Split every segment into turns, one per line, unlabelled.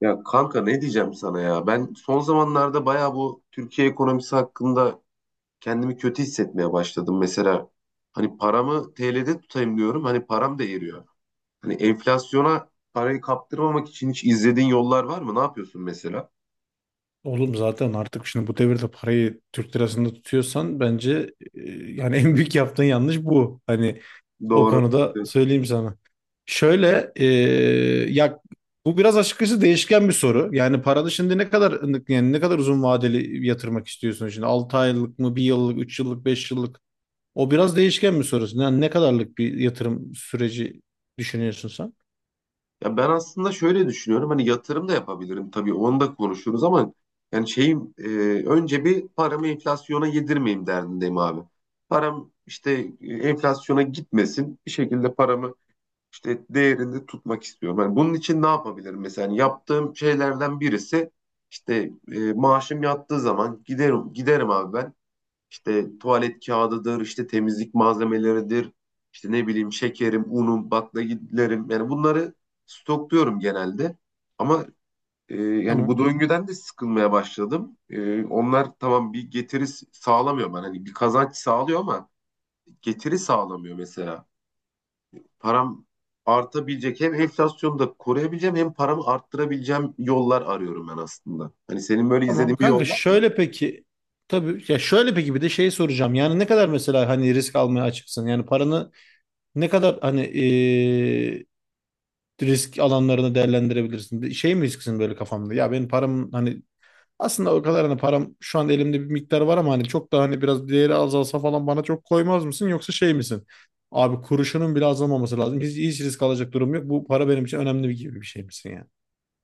Ya kanka, ne diyeceğim sana ya? Ben son zamanlarda bayağı bu Türkiye ekonomisi hakkında kendimi kötü hissetmeye başladım. Mesela hani paramı TL'de tutayım diyorum. Hani param da eriyor. Hani enflasyona parayı kaptırmamak için hiç izlediğin yollar var mı? Ne yapıyorsun mesela?
Oğlum zaten artık şimdi bu devirde parayı Türk lirasında tutuyorsan bence yani en büyük yaptığın yanlış bu. Hani o
Doğru.
konuda
Evet.
söyleyeyim sana. Şöyle ya bu biraz açıkçası değişken bir soru. Yani paranı şimdi ne kadar yani ne kadar uzun vadeli yatırmak istiyorsun, şimdi 6 aylık mı, 1 yıllık, 3 yıllık, 5 yıllık? O biraz değişken bir soru. Yani ne kadarlık bir yatırım süreci düşünüyorsun sen?
Ya ben aslında şöyle düşünüyorum. Hani yatırım da yapabilirim tabii. Onu da konuşuruz ama yani şeyim önce bir paramı enflasyona yedirmeyeyim derdindeyim abi. Param işte enflasyona gitmesin. Bir şekilde paramı işte değerini tutmak istiyorum. Yani bunun için ne yapabilirim? Mesela yani yaptığım şeylerden birisi işte maaşım yattığı zaman giderim abi ben. İşte tuvalet kağıdıdır, işte temizlik malzemeleridir, işte ne bileyim şekerim, unum, baklagillerim. Yani bunları stokluyorum genelde. Ama yani bu
Tamam.
döngüden de sıkılmaya başladım. E, onlar tamam, bir getiri sağlamıyor bana. Hani bir kazanç sağlıyor ama getiri sağlamıyor. Mesela param artabilecek, hem enflasyonu da koruyabileceğim hem paramı arttırabileceğim yollar arıyorum ben aslında. Hani senin böyle
Tamam
izlediğin bir
kanka,
yol var mı?
şöyle peki, tabii ya, şöyle peki bir de şey soracağım. Yani ne kadar mesela hani risk almaya açıksın? Yani paranı ne kadar hani risk alanlarını değerlendirebilirsin? Bir şey mi risksin böyle kafamda? Ya benim param hani aslında o kadar, hani param şu an elimde bir miktar var ama hani çok da, hani biraz değeri azalsa falan bana çok koymaz mısın? Yoksa şey misin? Abi kuruşunun bile azalmaması lazım. Hiç, hiç risk alacak durum yok. Bu para benim için önemli, bir gibi bir şey misin yani?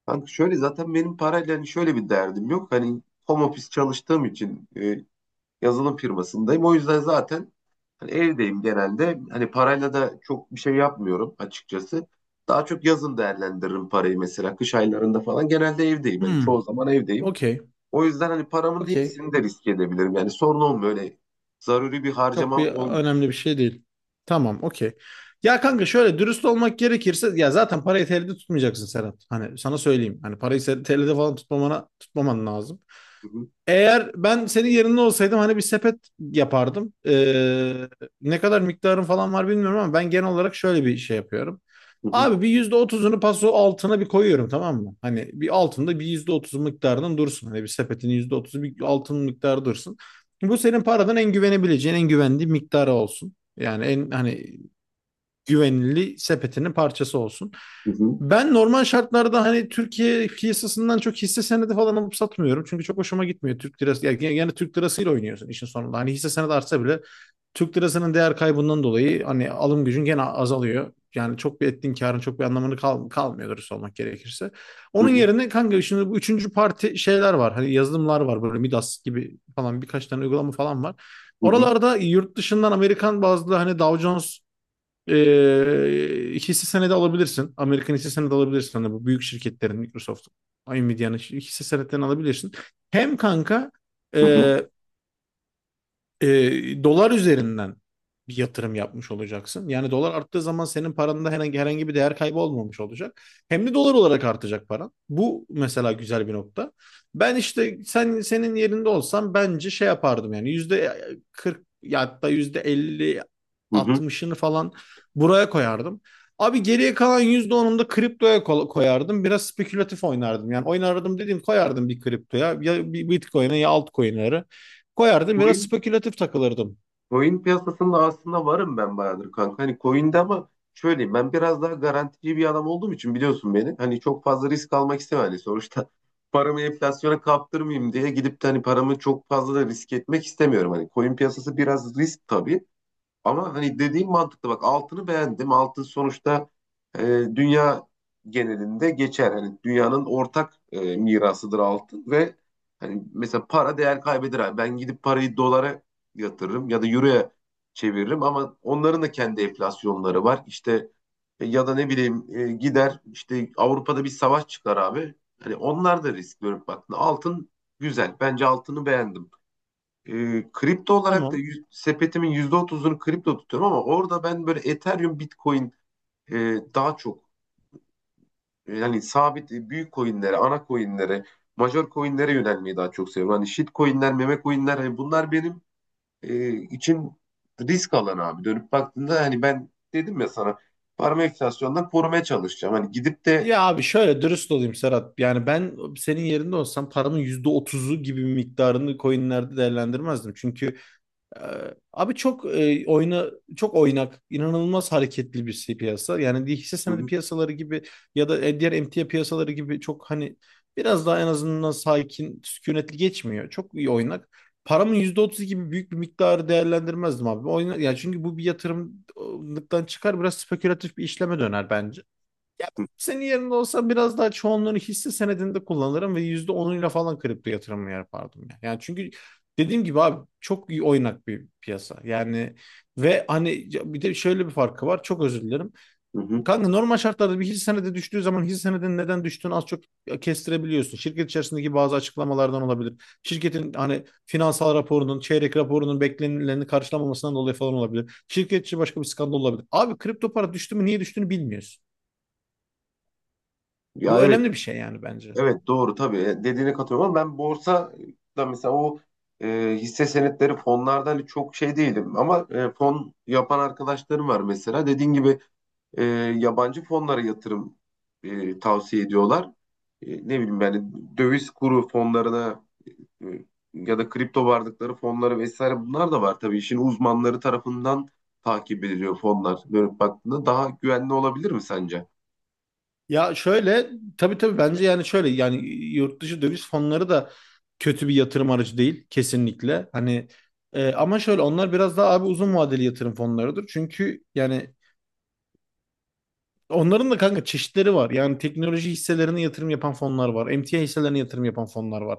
Kanka şöyle, zaten benim parayla hani şöyle bir derdim yok. Hani home office çalıştığım için yazılım firmasındayım. O yüzden zaten hani evdeyim genelde. Hani parayla da çok bir şey yapmıyorum açıkçası. Daha çok yazın değerlendiririm parayı, mesela kış aylarında falan. Genelde evdeyim. Hani çoğu
Hmm,
zaman evdeyim.
okey,
O yüzden hani paramın
okey.
hepsini de riske edebilirim. Yani sorun olmuyor. Öyle zaruri bir
Çok
harcamam
bir
olmuyor.
önemli bir şey değil. Tamam, okey. Ya kanka şöyle dürüst olmak gerekirse, ya zaten parayı TL'de tutmayacaksın Serhat. Hani sana söyleyeyim. Hani parayı TL'de falan tutmaman lazım.
Hı hı,
Eğer ben senin yerinde olsaydım hani bir sepet yapardım. Ne kadar miktarın falan var bilmiyorum ama ben genel olarak şöyle bir şey yapıyorum.
hı hı,
Abi bir %30'unu paso altına bir koyuyorum, tamam mı? Hani bir altında bir %30 miktarının dursun. Hani bir sepetin %30'u bir altın miktarı dursun. Bu senin paradan en güvenebileceğin, en güvendiği miktarı olsun. Yani en hani güvenilir sepetinin parçası olsun.
hı hı,
Ben normal şartlarda hani Türkiye piyasasından çok hisse senedi falan alıp satmıyorum. Çünkü çok hoşuma gitmiyor Türk lirası. Yani Türk lirasıyla oynuyorsun işin sonunda. Hani hisse senedi artsa bile Türk lirasının değer kaybından dolayı hani alım gücün gene azalıyor. Yani çok, bir ettiğin karın çok bir anlamını kalmıyor dürüst olmak gerekirse.
hı
Onun
hı,
yerine kanka şimdi bu üçüncü parti şeyler var. Hani yazılımlar var, böyle Midas gibi falan birkaç tane uygulama falan var.
hı hı,
Oralarda yurt dışından Amerikan bazlı hani Dow Jones hisse senedi alabilirsin. Amerikan hisse senedi alabilirsin. Hani bu büyük şirketlerin, Microsoft, Nvidia'nın hisse senetlerini alabilirsin. Hem kanka e,
hı hı,
dolar üzerinden bir yatırım yapmış olacaksın. Yani dolar arttığı zaman senin paranda herhangi bir değer kaybı olmamış olacak. Hem de dolar olarak artacak paran. Bu mesela güzel bir nokta. Ben işte senin yerinde olsam bence şey yapardım, yani yüzde 40, ya hatta yüzde 50,
hı hı.
60'ını falan buraya koyardım. Abi geriye kalan %10'unu da kriptoya koyardım. Biraz spekülatif oynardım. Yani oynardım dediğim, koyardım bir kriptoya. Ya bir Bitcoin'e, ya altcoin'lere. Koyardım, biraz
Coin,
spekülatif takılırdım.
coin piyasasında aslında varım ben bayağıdır kanka. Hani coin'de ama şöyleyim, ben biraz daha garantici bir adam olduğum için biliyorsun beni. Hani çok fazla risk almak istemem. Hani sonuçta paramı enflasyona kaptırmayayım diye gidip de hani paramı çok fazla da risk etmek istemiyorum. Hani coin piyasası biraz risk tabii. Ama hani dediğim mantıklı, bak altını beğendim. Altın sonuçta e, dünya genelinde geçer. Hani dünyanın ortak mirasıdır altın. Ve hani mesela para değer kaybeder abi. Ben gidip parayı dolara yatırırım ya da euroya çeviririm ama onların da kendi enflasyonları var. İşte ya da ne bileyim, gider işte Avrupa'da bir savaş çıkar abi. Hani onlar da risk görüp baktığında altın güzel. Bence altını beğendim. Kripto olarak da
Tamam.
sepetimin yüzde otuzunu kripto tutuyorum, ama orada ben böyle Ethereum, Bitcoin, e, daha çok yani sabit, büyük coinlere, ana coinlere, major coinlere yönelmeyi daha çok seviyorum. Hani shit coinler, meme coinler, hani bunlar benim için risk alanı abi. Dönüp baktığında hani ben dedim ya sana, paramı enflasyondan korumaya çalışacağım. Hani gidip de
Ya abi şöyle dürüst olayım Serhat. Yani ben senin yerinde olsam paramın %30'u gibi bir miktarını coinlerde değerlendirmezdim. Çünkü abi çok çok oynak, inanılmaz hareketli bir şey piyasa. Yani hisse
hı
senedi
hı,
piyasaları gibi ya da diğer emtia piyasaları gibi çok hani biraz daha en azından sakin, sükunetli geçmiyor. Çok iyi oynak. Paramın %30 gibi büyük bir miktarı değerlendirmezdim abi. Yani çünkü bu bir yatırımlıktan çıkar, biraz spekülatif bir işleme döner bence. Ya ben senin yerinde olsam biraz daha çoğunluğunu hisse senedinde kullanırım ve %10'uyla falan kripto yatırımı yapardım. Yani çünkü dediğim gibi abi çok iyi oynak bir piyasa. Yani ve hani bir de şöyle bir farkı var. Çok özür dilerim.
hı hı.
Kanka normal şartlarda bir hisse senedi düştüğü zaman, hisse senedinin neden düştüğünü az çok kestirebiliyorsun. Şirket içerisindeki bazı açıklamalardan olabilir. Şirketin hani finansal raporunun, çeyrek raporunun beklenileni karşılamamasından dolayı falan olabilir. Şirket içi başka bir skandal olabilir. Abi kripto para düştü mü niye düştüğünü bilmiyorsun.
Ya
Bu
evet.
önemli bir şey yani bence.
Evet, doğru tabii. E, dediğine katılıyorum ama ben borsa da mesela o hisse senetleri fonlarda hani çok şey değilim, ama fon yapan arkadaşlarım var. Mesela dediğin gibi e, yabancı fonlara yatırım tavsiye ediyorlar. E, ne bileyim, yani döviz kuru fonlarına e, ya da kripto varlıkları fonları vesaire, bunlar da var tabii, işin uzmanları tarafından takip ediliyor fonlar. Böyle baktığında daha güvenli olabilir mi sence?
Ya şöyle, tabii tabii bence, yani şöyle, yani yurt dışı döviz fonları da kötü bir yatırım aracı değil kesinlikle. Hani ama şöyle, onlar biraz daha abi uzun vadeli yatırım fonlarıdır. Çünkü yani onların da kanka çeşitleri var. Yani teknoloji hisselerine yatırım yapan fonlar var, emtia hisselerine yatırım yapan fonlar var.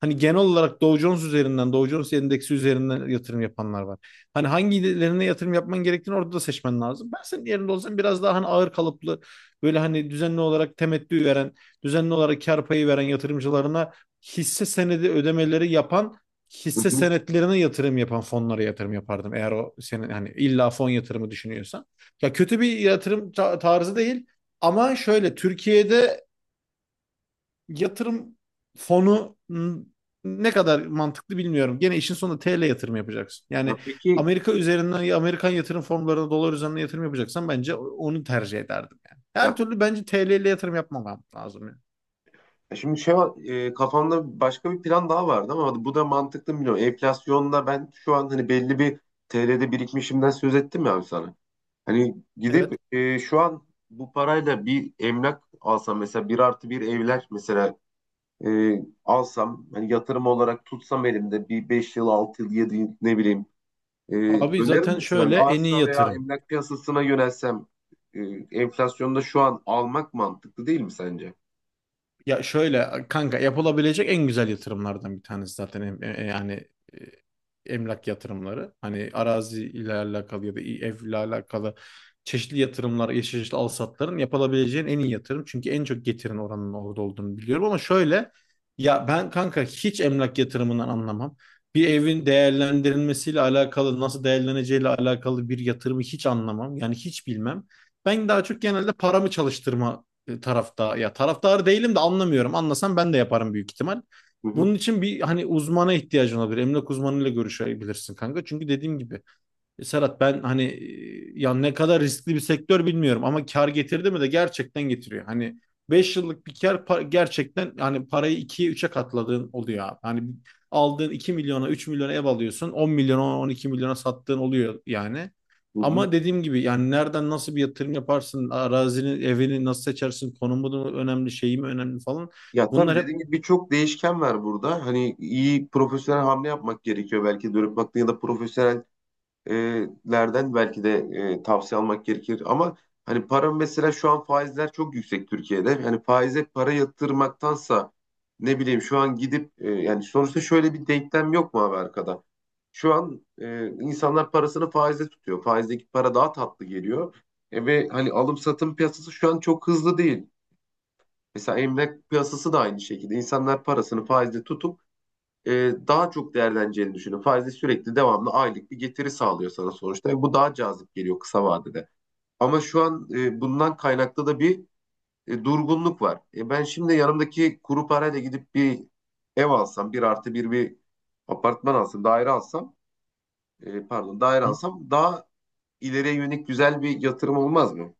Hani genel olarak Dow Jones üzerinden, Dow Jones endeksi üzerinden yatırım yapanlar var. Hani hangilerine yatırım yapman gerektiğini orada da seçmen lazım. Ben senin yerinde olsam biraz daha hani ağır kalıplı, böyle hani düzenli olarak temettü veren, düzenli olarak kar payı veren yatırımcılarına hisse senedi ödemeleri yapan,
Hı
hisse
hı.
senetlerine yatırım yapan fonlara yatırım yapardım. Eğer o, senin hani illa fon yatırımı düşünüyorsan. Ya kötü bir yatırım tarzı değil ama şöyle, Türkiye'de yatırım fonu ne kadar mantıklı bilmiyorum. Gene işin sonunda TL yatırım yapacaksın.
Ya
Yani
peki.
Amerika üzerinden, ya Amerikan yatırım fonlarına dolar üzerinden yatırım yapacaksan bence onu tercih ederdim yani. Her
Ya,
türlü bence TL ile yatırım yapmam lazım yani.
ya şimdi şey var, kafamda başka bir plan daha vardı ama bu da mantıklı mı bilmiyorum. Enflasyonla ben şu an hani belli bir TL'de birikmişimden söz ettim ya abi sana. Hani gidip
Evet.
şu an bu parayla bir emlak alsam mesela, bir artı bir evler mesela e, alsam, hani yatırım olarak tutsam elimde bir 5 yıl, 6 yıl, 7 yıl, ne bileyim, e,
Abi
önerir
zaten
misin abi
şöyle en iyi
arsa veya
yatırım.
emlak piyasasına yönelsem? e, Enflasyonda şu an almak mantıklı değil mi sence?
Ya şöyle kanka, yapılabilecek en güzel yatırımlardan bir tanesi zaten yani e, emlak yatırımları. Hani arazi ile alakalı ya da ev ile alakalı çeşitli yatırımlar, çeşitli alsatların yapılabileceğin en iyi yatırım. Çünkü en çok getirin oranının orada olduğunu biliyorum ama şöyle, ya ben kanka hiç emlak yatırımından anlamam. Bir evin değerlendirilmesiyle alakalı, nasıl değerleneceğiyle alakalı bir yatırımı hiç anlamam. Yani hiç bilmem. Ben daha çok genelde paramı çalıştırma tarafta, ya taraftarı değilim de anlamıyorum. Anlasam ben de yaparım büyük ihtimal.
Hı hı.
Bunun için bir hani uzmana ihtiyacın olabilir. Emlak uzmanıyla görüşebilirsin kanka. Çünkü dediğim gibi Serhat, ben hani ya ne kadar riskli bir sektör bilmiyorum ama kar getirdi mi de gerçekten getiriyor. Hani 5 yıllık bir kar gerçekten, yani parayı 2'ye 3'e katladığın oluyor abi. Hani aldığın 2 milyona, 3 milyona ev alıyorsun, 10 milyona, 12 milyona sattığın oluyor yani.
Hı hı.
Ama dediğim gibi yani, nereden nasıl bir yatırım yaparsın, arazinin, evini nasıl seçersin, konumu da önemli, şeyi mi önemli falan.
Ya tabii
Bunlar hep.
dediğim gibi, birçok değişken var burada. Hani iyi profesyonel hamle yapmak gerekiyor. Belki dönüp baktığında ya da profesyonellerden belki de tavsiye almak gerekir. Ama hani para, mesela şu an faizler çok yüksek Türkiye'de. Hani faize para yatırmaktansa ne bileyim, şu an gidip, yani sonuçta şöyle bir denklem yok mu abi arkada? Şu an insanlar parasını faize tutuyor. Faizdeki para daha tatlı geliyor. E, ve hani alım satım piyasası şu an çok hızlı değil. Mesela emlak piyasası da aynı şekilde. İnsanlar parasını faizde tutup e, daha çok değerleneceğini düşünüyor. Faizde sürekli, devamlı aylık bir getiri sağlıyor sana sonuçta. Ve bu daha cazip geliyor kısa vadede. Ama şu an bundan kaynaklı da bir durgunluk var. E, ben şimdi yanımdaki kuru parayla gidip bir ev alsam, bir artı bir apartman alsam, daire alsam, pardon, daire alsam daha ileriye yönelik güzel bir yatırım olmaz mı?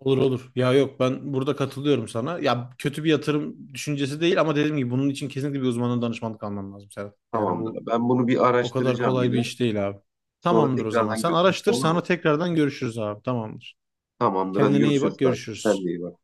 Olur olur. Ya yok, ben burada katılıyorum sana. Ya kötü bir yatırım düşüncesi değil ama dediğim gibi, bunun için kesinlikle bir uzmanın danışmanlık alman lazım Serhat. Yani bu
Tamamdır. Ben bunu bir
o kadar
araştıracağım
kolay bir
yine.
iş değil abi.
Sonra
Tamamdır o zaman.
tekrardan
Sen
görüşürüz.
araştır,
Olur
sonra
mu?
tekrardan görüşürüz abi. Tamamdır.
Tamamdır. Hadi
Kendine iyi
görüşürüz
bak,
kanka. Sen de
görüşürüz.
iyi bak.